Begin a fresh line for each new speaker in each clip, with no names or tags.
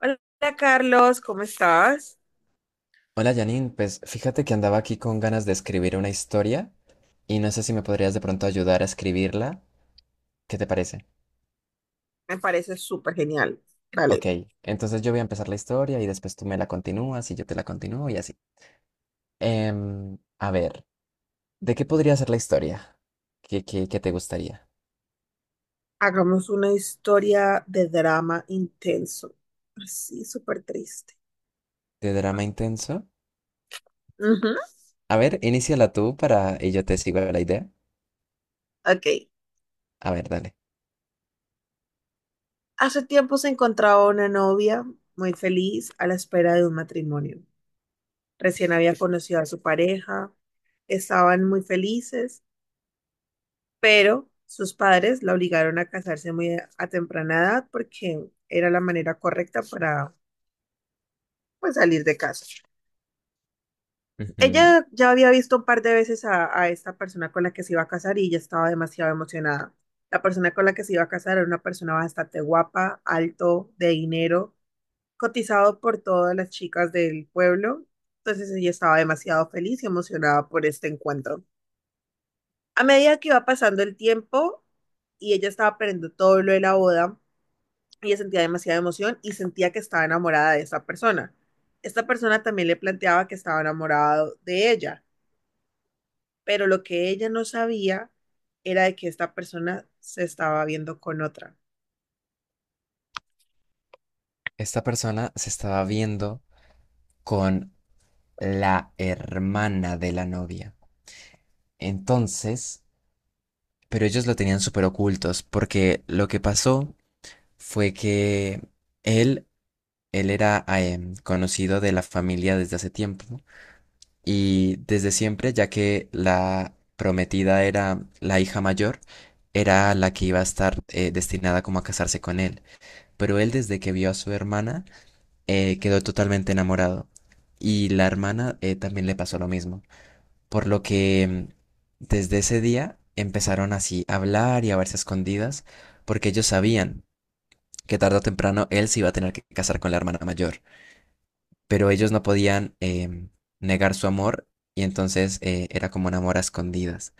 Hola Carlos, ¿cómo estás?
Hola Janine, pues fíjate que andaba aquí con ganas de escribir una historia y no sé si me podrías de pronto ayudar a escribirla. ¿Qué te parece?
Me parece súper genial.
Ok,
Vale,
entonces yo voy a empezar la historia y después tú me la continúas y yo te la continúo y así. A ver, ¿de qué podría ser la historia? ¿Qué te gustaría?
hagamos una historia de drama intenso. Así, súper triste.
¿De drama intenso?
Ujú.
A ver, iníciala tú para y yo te sigo la idea.
Ok.
A ver, dale.
Hace tiempo se encontraba una novia muy feliz a la espera de un matrimonio. Recién había conocido a su pareja, estaban muy felices, pero sus padres la obligaron a casarse muy a temprana edad porque era la manera correcta para, pues, salir de casa.
Ujú.
Ella ya había visto un par de veces a esta persona con la que se iba a casar y ya estaba demasiado emocionada. La persona con la que se iba a casar era una persona bastante guapa, alto, de dinero, cotizado por todas las chicas del pueblo. Entonces ella estaba demasiado feliz y emocionada por este encuentro. A medida que iba pasando el tiempo y ella estaba aprendiendo todo lo de la boda, ella sentía demasiada emoción y sentía que estaba enamorada de esa persona. Esta persona también le planteaba que estaba enamorado de ella, pero lo que ella no sabía era de que esta persona se estaba viendo con otra.
Esta persona se estaba viendo con la hermana de la novia. Entonces, pero ellos lo tenían súper ocultos, porque lo que pasó fue que él, él era conocido de la familia desde hace tiempo, ¿no? Y desde siempre, ya que la prometida era la hija mayor, era la que iba a estar destinada como a casarse con él. Pero él desde que vio a su hermana quedó totalmente enamorado y la hermana también le pasó lo mismo. Por lo que desde ese día empezaron así a hablar y a verse a escondidas, porque ellos sabían que tarde o temprano él se iba a tener que casar con la hermana mayor, pero ellos no podían negar su amor, y entonces era como un amor a escondidas.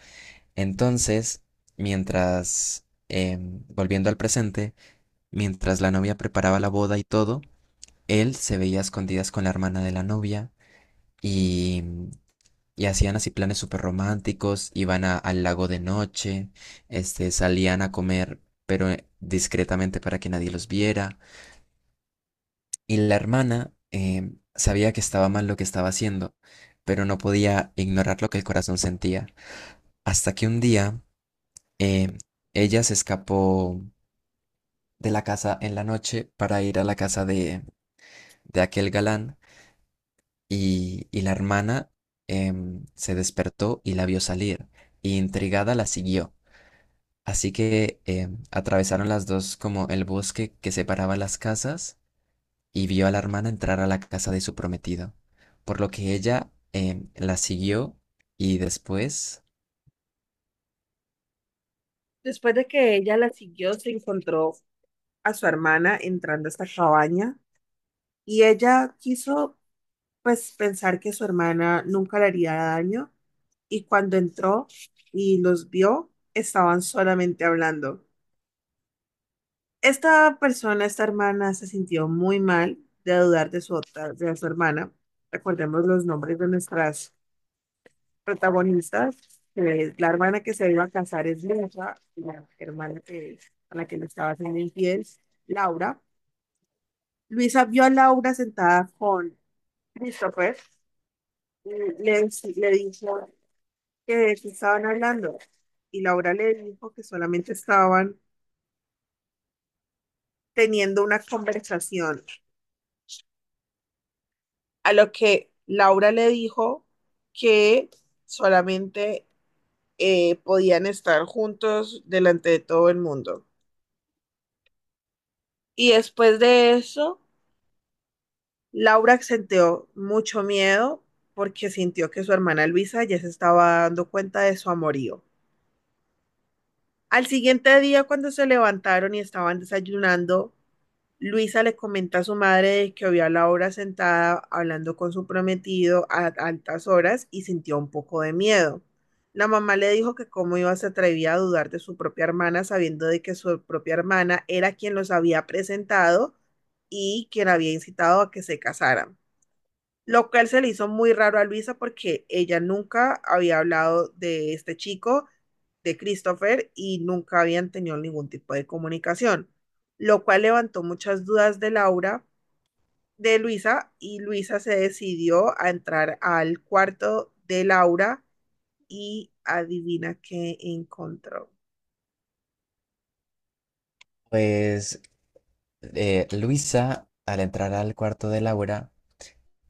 Entonces, mientras, volviendo al presente, mientras la novia preparaba la boda y todo, él se veía a escondidas con la hermana de la novia y Y hacían así planes súper románticos, al lago de noche, este, salían a comer, pero discretamente para que nadie los viera. Y la hermana sabía que estaba mal lo que estaba haciendo, pero no podía ignorar lo que el corazón sentía. Hasta que un día eh, ella se escapó de la casa en la noche para ir a la casa de aquel galán, y la hermana se despertó y la vio salir, y intrigada la siguió. Así que atravesaron las dos como el bosque que separaba las casas y vio a la hermana entrar a la casa de su prometido, por lo que ella la siguió, y después,
Después de que ella la siguió, se encontró a su hermana entrando a esta cabaña y ella quiso, pues, pensar que su hermana nunca le haría daño, y cuando entró y los vio, estaban solamente hablando. Esta persona, esta hermana, se sintió muy mal de dudar de su otra, de su hermana. Recordemos los nombres de nuestras protagonistas. La hermana que se iba a casar es Luisa, y la hermana que, a la que le estaba haciendo infiel, Laura. Luisa vio a Laura sentada con Christopher, y le, le dijo que de qué estaban hablando, y Laura le dijo que solamente estaban teniendo una conversación, a lo que Laura le dijo que solamente podían estar juntos delante de todo el mundo. Y después de eso, Laura sentió mucho miedo porque sintió que su hermana Luisa ya se estaba dando cuenta de su amorío. Al siguiente día, cuando se levantaron y estaban desayunando, Luisa le comenta a su madre que vio a Laura sentada hablando con su prometido a altas horas y sintió un poco de miedo. La mamá le dijo que cómo iba se atrevía a dudar de su propia hermana sabiendo de que su propia hermana era quien los había presentado y quien había incitado a que se casaran. Lo cual se le hizo muy raro a Luisa porque ella nunca había hablado de este chico, de Christopher, y nunca habían tenido ningún tipo de comunicación, lo cual levantó muchas dudas de Laura, de Luisa, y Luisa se decidió a entrar al cuarto de Laura y adivina qué encontró.
pues Luisa, al entrar al cuarto de Laura,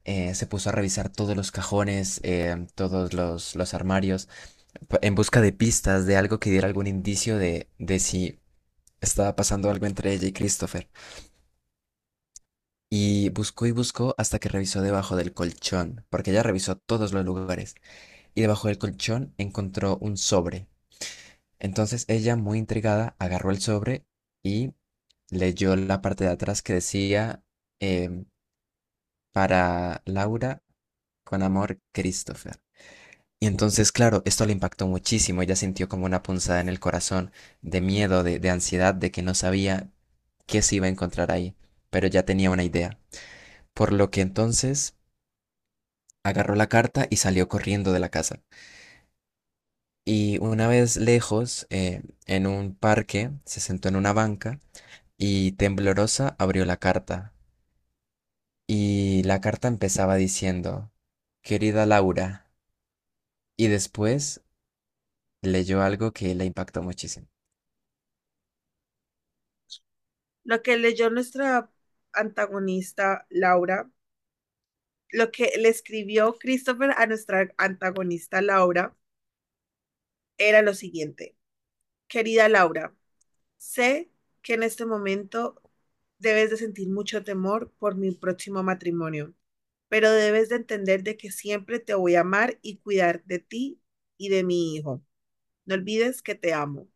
se puso a revisar todos los cajones, todos los armarios, en busca de pistas, de algo que diera algún indicio de si estaba pasando algo entre ella y Christopher. Y buscó hasta que revisó debajo del colchón, porque ella revisó todos los lugares, y debajo del colchón encontró un sobre. Entonces ella, muy intrigada, agarró el sobre y leyó la parte de atrás que decía em, para Laura, con amor, Christopher. Y entonces, claro, esto le impactó muchísimo. Ella sintió como una punzada en el corazón, de miedo, de ansiedad, de que no sabía qué se iba a encontrar ahí, pero ya tenía una idea. Por lo que entonces agarró la carta y salió corriendo de la casa. Y una vez lejos, en un parque, se sentó en una banca y temblorosa abrió la carta. Y la carta empezaba diciendo, querida Laura, y después leyó algo que la impactó muchísimo.
Lo que leyó nuestra antagonista Laura, lo que le escribió Christopher a nuestra antagonista Laura era lo siguiente. Querida Laura, sé que en este momento debes de sentir mucho temor por mi próximo matrimonio, pero debes de entender de que siempre te voy a amar y cuidar de ti y de mi hijo. No olvides que te amo.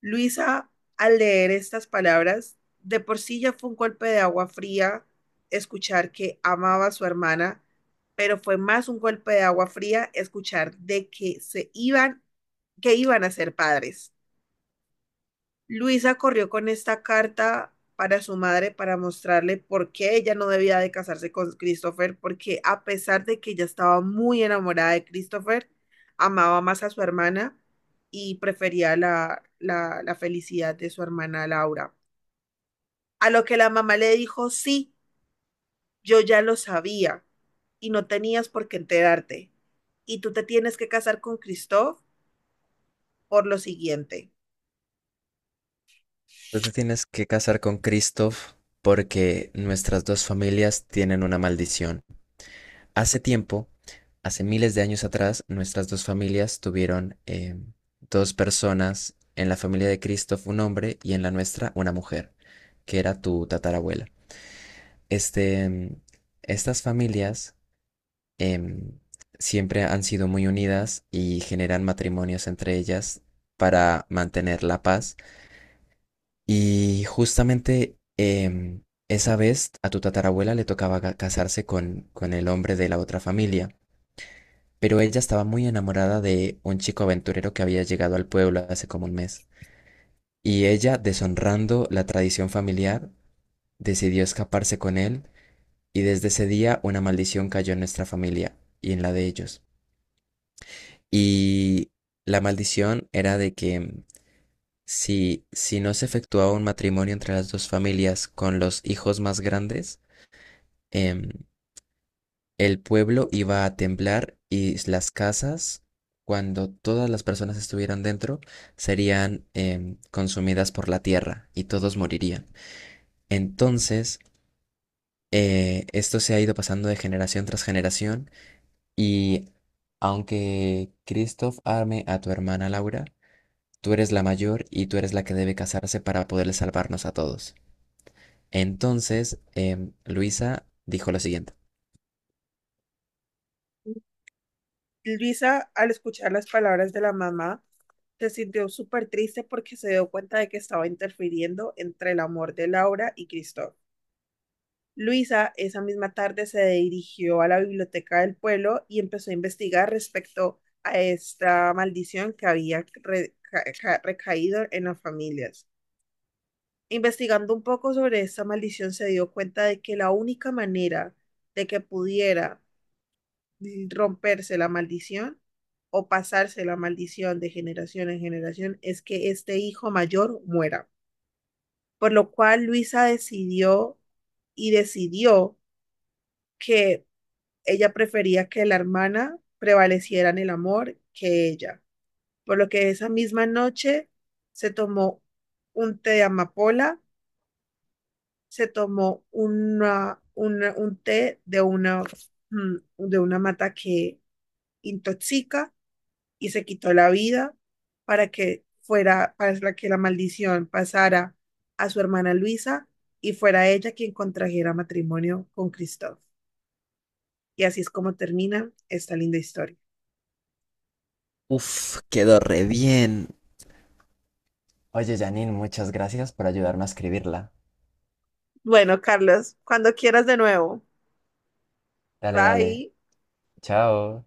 Luisa, al leer estas palabras, de por sí ya fue un golpe de agua fría escuchar que amaba a su hermana, pero fue más un golpe de agua fría escuchar de que se iban, que iban a ser padres. Luisa corrió con esta carta para su madre para mostrarle por qué ella no debía de casarse con Christopher, porque a pesar de que ella estaba muy enamorada de Christopher, amaba más a su hermana y prefería la felicidad de su hermana Laura. A lo que la mamá le dijo, sí, yo ya lo sabía y no tenías por qué enterarte. Y tú te tienes que casar con Christoph por lo siguiente.
Tú te tienes que casar con Christoph porque nuestras dos familias tienen una maldición. Hace tiempo, hace miles de años atrás, nuestras dos familias tuvieron dos personas. En la familia de Cristo un hombre, y en la nuestra una mujer, que era tu tatarabuela. Este, estas familias em, siempre han sido muy unidas y generan matrimonios entre ellas para mantener la paz. Y justamente esa vez a tu tatarabuela le tocaba casarse con el hombre de la otra familia. Pero ella estaba muy enamorada de un chico aventurero que había llegado al pueblo hace como un mes. Y ella, deshonrando la tradición familiar, decidió escaparse con él, y desde ese día una maldición cayó en nuestra familia y en la de ellos. Y la maldición era de que si no se efectuaba un matrimonio entre las dos familias con los hijos más grandes, em, el pueblo iba a temblar y las casas, cuando todas las personas estuvieran dentro, serían consumidas por la tierra y todos morirían. Entonces, esto se ha ido pasando de generación tras generación, y aunque Christoph arme a tu hermana Laura, tú eres la mayor y tú eres la que debe casarse para poderle salvarnos a todos. Entonces, Luisa dijo lo siguiente.
Luisa, al escuchar las palabras de la mamá, se sintió súper triste porque se dio cuenta de que estaba interfiriendo entre el amor de Laura y Cristóbal. Luisa esa misma tarde se dirigió a la biblioteca del pueblo y empezó a investigar respecto a esta maldición que había recaído en las familias. Investigando un poco sobre esta maldición se dio cuenta de que la única manera de que pudiera romperse la maldición o pasarse la maldición de generación en generación es que este hijo mayor muera. Por lo cual Luisa decidió que ella prefería que la hermana prevaleciera en el amor que ella. Por lo que esa misma noche se tomó un té de amapola, se tomó un té de una, mm, de una mata que intoxica y se quitó la vida para que fuera, para que la maldición pasara a su hermana Luisa y fuera ella quien contrajera matrimonio con Christoph. Y así es como termina esta linda historia.
Uf, quedó re bien. Oye, Janine, muchas gracias por ayudarme a escribirla.
Bueno, Carlos, cuando quieras de nuevo.
Dale, dale.
Bye.
Chao.